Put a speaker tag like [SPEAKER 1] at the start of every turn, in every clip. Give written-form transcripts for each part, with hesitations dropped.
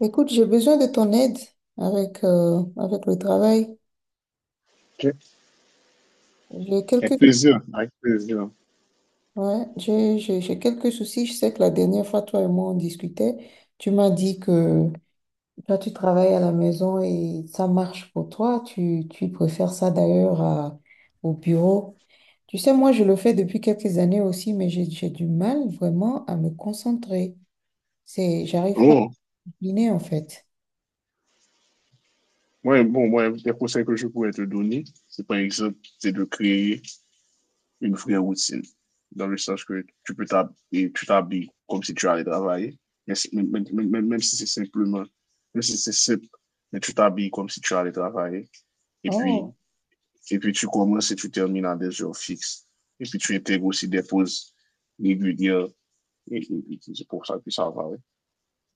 [SPEAKER 1] Écoute, j'ai besoin de ton aide avec, avec le travail.
[SPEAKER 2] Ok.
[SPEAKER 1] J'ai
[SPEAKER 2] Avec
[SPEAKER 1] quelques,
[SPEAKER 2] plaisir, avec plaisir.
[SPEAKER 1] ouais, j'ai quelques soucis. Je sais que la dernière fois, toi et moi, on discutait. Tu m'as dit que toi, tu travailles à la maison et ça marche pour toi. Tu préfères ça d'ailleurs au bureau. Tu sais, moi, je le fais depuis quelques années aussi, mais j'ai du mal vraiment à me concentrer. J'arrive
[SPEAKER 2] Oh,
[SPEAKER 1] Guinée, en fait.
[SPEAKER 2] ouais, bon, moi, les conseils que je pourrais te donner, c'est par exemple, c'est de créer une vraie routine, dans le sens que tu t'habilles comme si tu allais travailler, mais même si c'est simplement, même si c'est simple, mais tu t'habilles comme si tu allais travailler, et puis,
[SPEAKER 1] Oh.
[SPEAKER 2] et puis tu commences et tu termines à des heures fixes, et puis tu intègres aussi des pauses régulières, et c'est pour ça que ça va, ouais.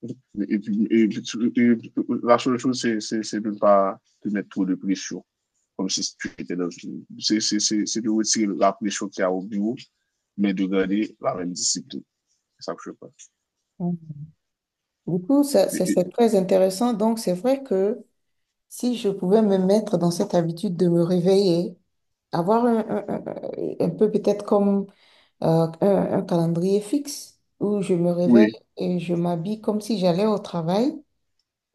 [SPEAKER 2] Et, et- et la seule chose, c'est de ne pas te mettre trop de pression, comme si tu étais dans une... C'est de retirer la pression qu'il y a au bureau, mais de garder la même discipline. C'est ça que je pense.
[SPEAKER 1] Mm. Du coup, ça, ça, c'est
[SPEAKER 2] Et-
[SPEAKER 1] très intéressant. Donc, c'est vrai que si je pouvais me mettre dans cette habitude de me réveiller, avoir un peu peut-être comme un calendrier fixe où je me réveille
[SPEAKER 2] Oui,
[SPEAKER 1] et je m'habille comme si j'allais au travail,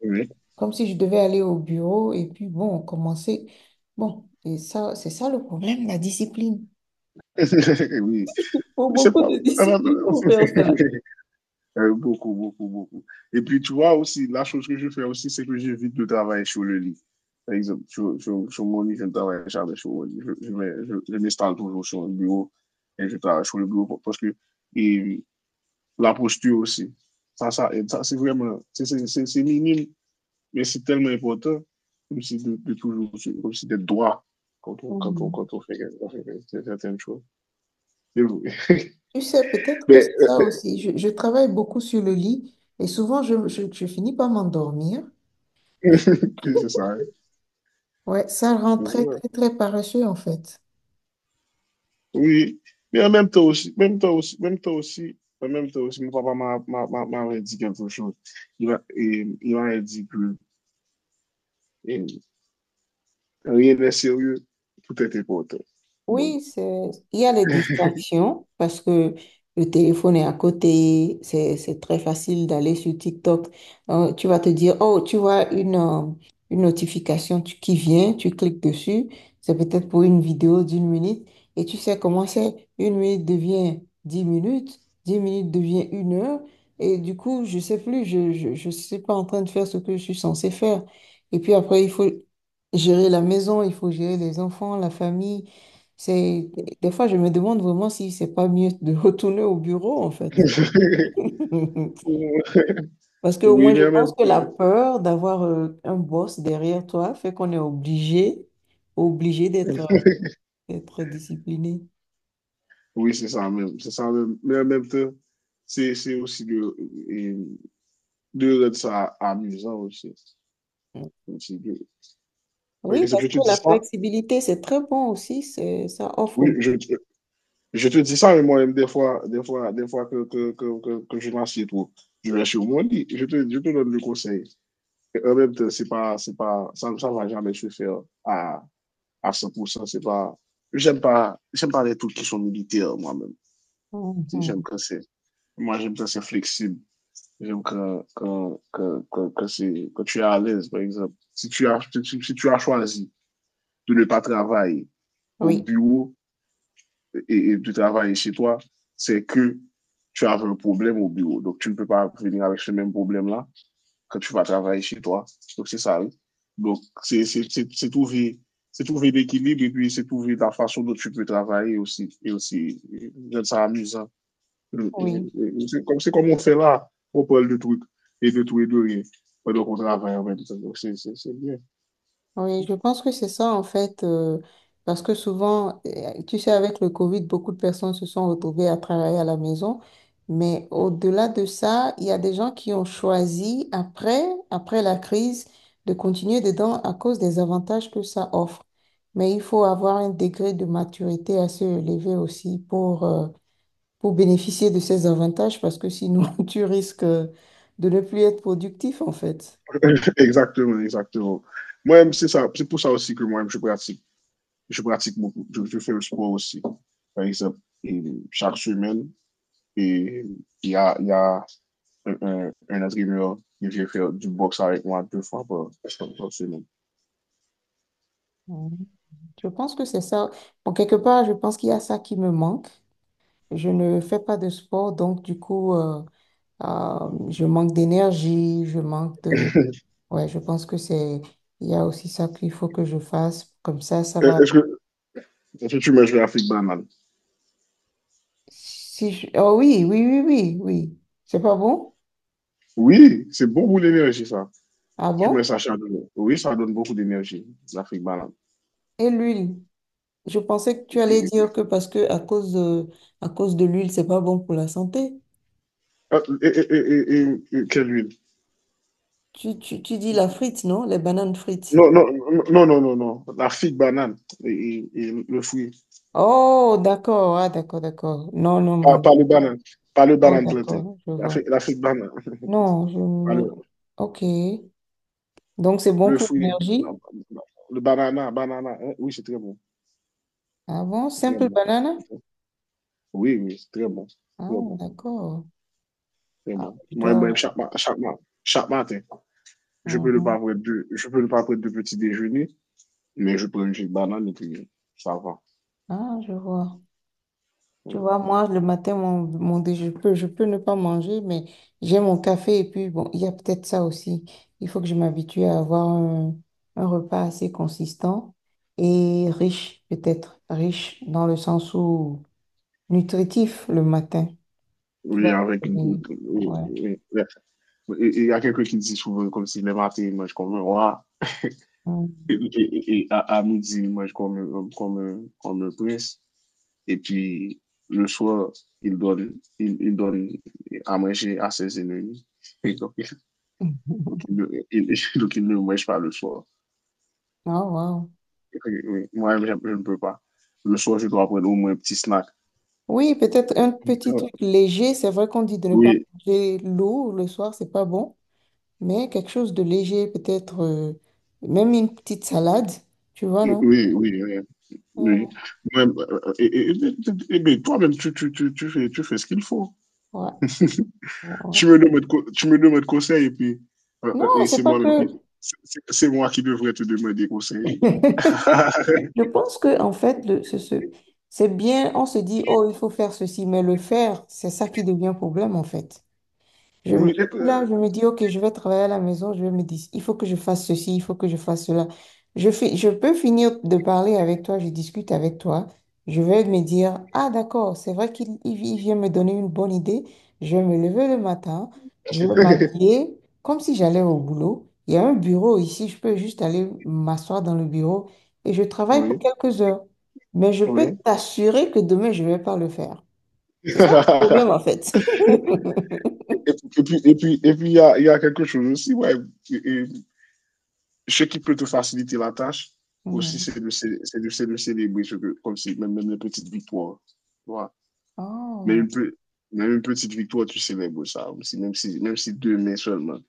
[SPEAKER 2] oui.
[SPEAKER 1] comme si je devais aller au bureau et puis bon, commencer. Bon, et ça, c'est ça le problème, la discipline.
[SPEAKER 2] oui,
[SPEAKER 1] Faut
[SPEAKER 2] c'est
[SPEAKER 1] beaucoup
[SPEAKER 2] pas...
[SPEAKER 1] de discipline pour faire ça.
[SPEAKER 2] Beaucoup, beaucoup, beaucoup. Et puis, tu vois aussi, la chose que je fais aussi, c'est que j'évite de travailler sur le lit. Par exemple, sur mon lit, je ne travaille jamais sur mon lit. Je m'installe toujours sur le bureau et je travaille sur le bureau parce que et la posture aussi, ça aide. Ça c'est vraiment, c'est minime, mais c'est tellement important comme si de toujours, comme si d'être droit quand on,
[SPEAKER 1] Mm.
[SPEAKER 2] quand on fait certaines choses. C'est vrai.
[SPEAKER 1] Tu sais, peut-être que
[SPEAKER 2] Mais,
[SPEAKER 1] c'est
[SPEAKER 2] euh,
[SPEAKER 1] ça
[SPEAKER 2] mais-
[SPEAKER 1] aussi. Je travaille beaucoup sur le lit et souvent je finis par m'endormir.
[SPEAKER 2] c'est ça, hein.
[SPEAKER 1] Ouais, ça rend
[SPEAKER 2] C'est
[SPEAKER 1] très,
[SPEAKER 2] ça.
[SPEAKER 1] très, très paresseux, en fait.
[SPEAKER 2] Oui, mais en même temps aussi, même temps aussi, même temps aussi, en même temps aussi, mon papa m'a- m'a- m'a- m'avait dit quelque chose. Il m'avait dit que eh, rien n'est sérieux, tout est important. Donc,
[SPEAKER 1] Oui, il y a les distractions parce que le téléphone est à côté, c'est très facile d'aller sur TikTok. Tu vas te dire, oh, tu vois une notification qui vient, tu cliques dessus, c'est peut-être pour une vidéo d'une minute et tu sais comment c'est, une minute devient dix minutes devient une heure et du coup, je sais plus, je suis pas en train de faire ce que je suis censée faire. Et puis après, il faut gérer la maison, il faut gérer les enfants, la famille. C'est, des fois, je me demande vraiment si c'est pas mieux de retourner au bureau, en fait. Parce que au
[SPEAKER 2] oui,
[SPEAKER 1] moins, je
[SPEAKER 2] mais en
[SPEAKER 1] pense
[SPEAKER 2] même
[SPEAKER 1] que la
[SPEAKER 2] temps,
[SPEAKER 1] peur d'avoir un boss derrière toi fait qu'on est obligé, obligé d'être, d'être discipliné.
[SPEAKER 2] oui, c'est ça même, mais en même temps, c'est aussi de, eh, de rendre ça amusant aussi. Aussi de- Par
[SPEAKER 1] Oui,
[SPEAKER 2] exemple,
[SPEAKER 1] parce
[SPEAKER 2] je
[SPEAKER 1] que
[SPEAKER 2] te dis
[SPEAKER 1] la
[SPEAKER 2] ça,
[SPEAKER 1] flexibilité, c'est très bon aussi, ça
[SPEAKER 2] oui,
[SPEAKER 1] offre.
[SPEAKER 2] je, je te dis ça, mais moi-même, des fois que je m'assieds trop, je vais sur mon lit, je te donne le conseil. Et en même temps, c'est pas, ça ne va jamais se faire à 100%. C'est pas, j'aime pas les trucs qui sont militaires, moi-même. J'aime
[SPEAKER 1] Mhm.
[SPEAKER 2] quand c'est, Moi, j'aime quand c'est flexible. J'aime quand, quand, quand, quand, quand c'est, quand tu es à l'aise, par exemple. Si si tu as choisi de ne pas travailler au
[SPEAKER 1] Oui,
[SPEAKER 2] bureau, et de travailler chez toi, c'est que tu as un problème au bureau. Donc, tu ne peux pas venir avec ce même problème-là quand tu vas travailler chez toi. Donc, c'est ça. Oui. Donc, c'est c'est c'est c'est trouver, c'est trouver l'équilibre et puis c'est trouver la façon dont tu peux travailler aussi. Et aussi, c'est amusant.
[SPEAKER 1] oui.
[SPEAKER 2] C'est comme on fait là, on parle de trucs et de tout et de rien. Pendant qu'on travaille en même temps. Donc, c'est bien.
[SPEAKER 1] Oui, je pense que c'est ça en fait, parce que souvent, tu sais, avec le Covid, beaucoup de personnes se sont retrouvées à travailler à la maison, mais au-delà de ça, il y a des gens qui ont choisi après, après la crise, de continuer dedans à cause des avantages que ça offre. Mais il faut avoir un degré de maturité assez élevé aussi pour bénéficier de ces avantages parce que sinon tu risques de ne plus être productif en fait.
[SPEAKER 2] exactement, exactement. Moi, c'est ça. C'est pour ça aussi que moi, je pratique beaucoup. Je fais le sport aussi. Par exemple, et chaque semaine, et il y a un entraîneur qui vient faire du boxe avec moi deux fois par, par semaine.
[SPEAKER 1] Mhm. Je pense que c'est ça. Bon, quelque part, je pense qu'il y a ça qui me manque. Je ne fais pas de sport, donc du coup, je manque d'énergie, je manque de... Ouais, je pense que c'est... Il y a aussi ça qu'il faut que je fasse. Comme ça
[SPEAKER 2] Euh,
[SPEAKER 1] va...
[SPEAKER 2] Est-ce que, est-ce que tu manges de la fric banane?
[SPEAKER 1] Si je- Oh oui, oui, oui, oui, oui. C'est pas bon?
[SPEAKER 2] Oui, c'est bon pour l'énergie, ça.
[SPEAKER 1] Ah
[SPEAKER 2] Tu mets
[SPEAKER 1] bon?
[SPEAKER 2] ça chaque jour. Oui, ça donne beaucoup d'énergie, la fric banane.
[SPEAKER 1] Et l'huile? Je pensais que tu
[SPEAKER 2] Et,
[SPEAKER 1] allais
[SPEAKER 2] et-
[SPEAKER 1] dire que parce que à cause de l'huile, c'est pas bon pour la santé.
[SPEAKER 2] Quelle huile?
[SPEAKER 1] Tu dis la frite, non? Les bananes frites.
[SPEAKER 2] Non, non, non, non, non, non. La figue banane et le fruit.
[SPEAKER 1] Oh, d'accord, ah, d'accord, d'accord. Non, non,
[SPEAKER 2] Pas,
[SPEAKER 1] non.
[SPEAKER 2] pas le banane, pas le
[SPEAKER 1] Oh,
[SPEAKER 2] banane planté.
[SPEAKER 1] d'accord, je vois.
[SPEAKER 2] L'Afrique, l'Afrique banane.
[SPEAKER 1] Non, je
[SPEAKER 2] Pas
[SPEAKER 1] ne...
[SPEAKER 2] le,
[SPEAKER 1] Ok. Donc, c'est bon
[SPEAKER 2] le
[SPEAKER 1] pour
[SPEAKER 2] fruit,
[SPEAKER 1] l'énergie?
[SPEAKER 2] non, non. Le banana, banana. Hein, oui, c'est très bon.
[SPEAKER 1] Ah bon?
[SPEAKER 2] C'est très
[SPEAKER 1] Simple
[SPEAKER 2] bon.
[SPEAKER 1] banane?
[SPEAKER 2] C'est très- Oui, oui, c'est très bon. Très
[SPEAKER 1] Ah,
[SPEAKER 2] bon.
[SPEAKER 1] d'accord.
[SPEAKER 2] Très
[SPEAKER 1] Ah,
[SPEAKER 2] bon.
[SPEAKER 1] je
[SPEAKER 2] Moi,
[SPEAKER 1] dois...
[SPEAKER 2] moi, chaque, ma- chaque, ma- Chaque matin,
[SPEAKER 1] Mhm.
[SPEAKER 2] je peux ne pas prendre de petit déjeuner, mais je prends une petite banane et puis ça va.
[SPEAKER 1] Ah, je vois. Tu vois, moi, le matin, je peux ne pas manger, mais j'ai mon café et puis, bon, il y a peut-être ça aussi. Il faut que je m'habitue à avoir un repas assez consistant et riche, peut-être. Riche dans le sens où nutritif le matin. Tu vas...
[SPEAKER 2] Oui, avec une goutte. Oui,
[SPEAKER 1] Ouais.
[SPEAKER 2] oui. Il y a quelqu'un qui dit souvent comme si le matin, il mange comme un roi. Et à midi, qu'on comme comme me, qu'on me Et puis, le soir, il donne à manger à ses ennemis. Et donc,
[SPEAKER 1] Mhm.
[SPEAKER 2] donc, il ne, il- donc, il ne mange pas le soir.
[SPEAKER 1] Ah, wow.
[SPEAKER 2] Et puis, oui, moi, je ne peux pas. Le soir, je dois prendre au moins un petit snack.
[SPEAKER 1] Oui, peut-être un petit
[SPEAKER 2] Euh,
[SPEAKER 1] truc léger. C'est vrai qu'on dit de ne pas
[SPEAKER 2] Oui,
[SPEAKER 1] manger lourd le soir, c'est pas bon, mais quelque chose de léger, peut-être même une petite salade, tu vois, non?
[SPEAKER 2] oui, oui, oui.
[SPEAKER 1] Euh,
[SPEAKER 2] Oui. Moi, euh, et, et- et- mais toi-même, tu fais ce qu'il faut.
[SPEAKER 1] ouais, ouais, ouais.
[SPEAKER 2] Tu me demandes conseil et puis
[SPEAKER 1] Non,
[SPEAKER 2] et
[SPEAKER 1] c'est
[SPEAKER 2] c'est
[SPEAKER 1] pas
[SPEAKER 2] moi-même
[SPEAKER 1] que.
[SPEAKER 2] qui c'est c'est- moi qui devrais te demander conseil.
[SPEAKER 1] Je pense que en fait, c'est bien. On se dit, oh, il faut faire ceci, mais le faire, c'est ça qui devient problème en fait.
[SPEAKER 2] oui,
[SPEAKER 1] Je suis là, je me dis, OK, je vais travailler à la maison, je vais me dire, il faut que je fasse ceci, il faut que je fasse cela. Je fais, je peux finir de parler avec toi, je discute avec toi. Je vais me dire, ah d'accord, c'est vrai il vient me donner une bonne idée. Je vais me lever le matin, je vais m'habiller comme si j'allais au boulot. Il y a un bureau ici, je peux juste aller m'asseoir dans le bureau et je travaille pour
[SPEAKER 2] oui,
[SPEAKER 1] quelques heures. Mais je peux
[SPEAKER 2] oui,
[SPEAKER 1] t'assurer que demain, je ne vais pas le faire. C'est ça le problème en fait.
[SPEAKER 2] Et, et puis il y a quelque chose aussi ouais et ce qui peut te faciliter la tâche aussi
[SPEAKER 1] Mhm.
[SPEAKER 2] c'est de c'est de célébrer ce que- comme si même, même les petites victoires. Voilà. Mais
[SPEAKER 1] Oh.
[SPEAKER 2] une, pe- même une petite victoire, tu célèbres ça aussi, même si deux mai seulement.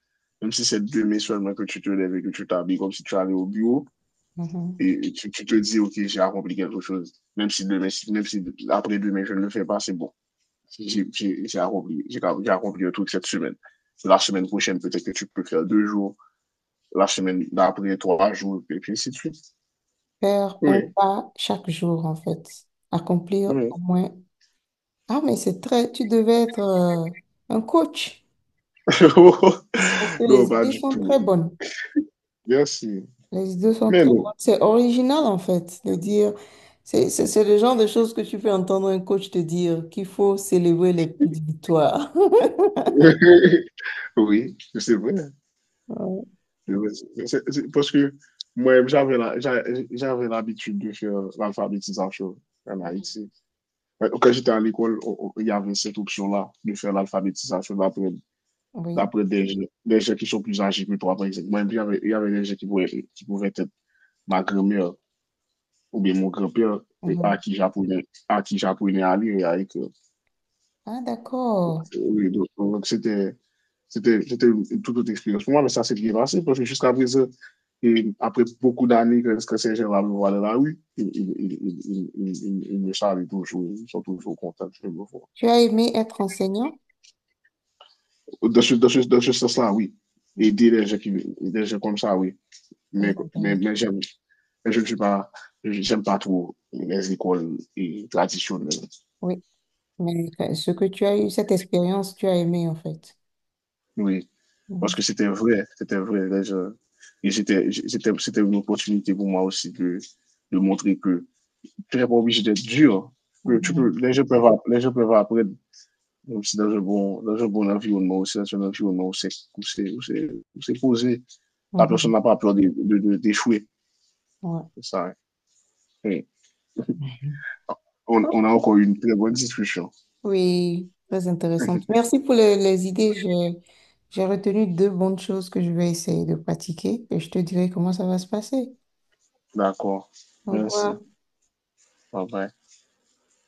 [SPEAKER 2] Même si c'est deux mai seulement que tu te lèves et que tu t'habilles comme si tu allais au bureau
[SPEAKER 1] Mhm.
[SPEAKER 2] et, tu te dis, OK, j'ai accompli quelque chose. Même si demain, si- même si après demain, je ne le fais pas, c'est bon. J'ai accompli, j'ai accompli un truc cette semaine. La semaine prochaine, peut-être que tu peux faire deux jours. La semaine d'après, trois jours, et puis ainsi de suite.
[SPEAKER 1] Faire un
[SPEAKER 2] Oui,
[SPEAKER 1] pas chaque jour, en fait. Accomplir au
[SPEAKER 2] oui.
[SPEAKER 1] moins. Ah, mais c'est très, tu devais être un coach. Parce que
[SPEAKER 2] non,
[SPEAKER 1] les
[SPEAKER 2] pas
[SPEAKER 1] idées
[SPEAKER 2] du
[SPEAKER 1] sont
[SPEAKER 2] tout.
[SPEAKER 1] très bonnes.
[SPEAKER 2] Merci.
[SPEAKER 1] Les idées sont
[SPEAKER 2] Mais
[SPEAKER 1] très bonnes.
[SPEAKER 2] non.
[SPEAKER 1] C'est original, en fait, de dire. C'est le genre de choses que tu peux entendre un coach te dire qu'il faut célébrer les petites victoires.
[SPEAKER 2] Oui, c'est vrai.
[SPEAKER 1] Ouais.
[SPEAKER 2] C'est- Parce que moi, j'avais l'habitude de faire l'alphabétisation en
[SPEAKER 1] Mhm.
[SPEAKER 2] Haïti. Ouais, quand j'étais à l'école, on- il y avait cette option-là de faire l'alphabétisation d'après
[SPEAKER 1] Oui.
[SPEAKER 2] d'après des gens qui sont plus âgés que toi, par exemple. Moi, il y avait des gens qui pouvaient être ma grand-mère ou bien mon grand-père et
[SPEAKER 1] Mhm.
[SPEAKER 2] à qui j'apprenais à lire et à écrire.
[SPEAKER 1] Ah, d'accord.
[SPEAKER 2] Oui, donc c'était une toute autre expérience pour moi, mais ça s'est bien passé parce que jusqu'à présent, et après beaucoup d'années que Saint-Germain va me voir dans la rue, ils il me saluent toujours, ils sont toujours contents de me voir.
[SPEAKER 1] Tu as aimé être enseignant?
[SPEAKER 2] Dans ce sens-là, oui. Aider les gens, qui, des gens comme ça, oui.
[SPEAKER 1] Très
[SPEAKER 2] Mais
[SPEAKER 1] intéressant.
[SPEAKER 2] j'aime, mais je ne suis pas, j'aime pas trop les écoles et traditionnelles.
[SPEAKER 1] Oui. Mais ce que tu as eu, cette expérience, tu as aimé, en fait.
[SPEAKER 2] Oui.
[SPEAKER 1] Mhm,
[SPEAKER 2] Parce que c'était vrai, c'était vrai. Là, je- et c'était, c'était une opportunité pour moi aussi de montrer que tu n'es pas obligé d'être dur. Que tu peux,
[SPEAKER 1] mhm,
[SPEAKER 2] les gens peuvent apprendre aussi dans un bon environnement, aussi dans un environnement où c'est, où c'est, où c'est, où c'est posé. La personne
[SPEAKER 1] Mhm.
[SPEAKER 2] n'a pas peur d'échouer.
[SPEAKER 1] Ouais.
[SPEAKER 2] C'est ça. Hein. Oui. On a
[SPEAKER 1] Ok.
[SPEAKER 2] encore eu une très bonne discussion.
[SPEAKER 1] Oui, très intéressante. Merci pour les idées. J'ai retenu deux bonnes choses que je vais essayer de pratiquer et je te dirai comment ça va se passer.
[SPEAKER 2] D'accord.
[SPEAKER 1] Au revoir.
[SPEAKER 2] Merci. Bye bye.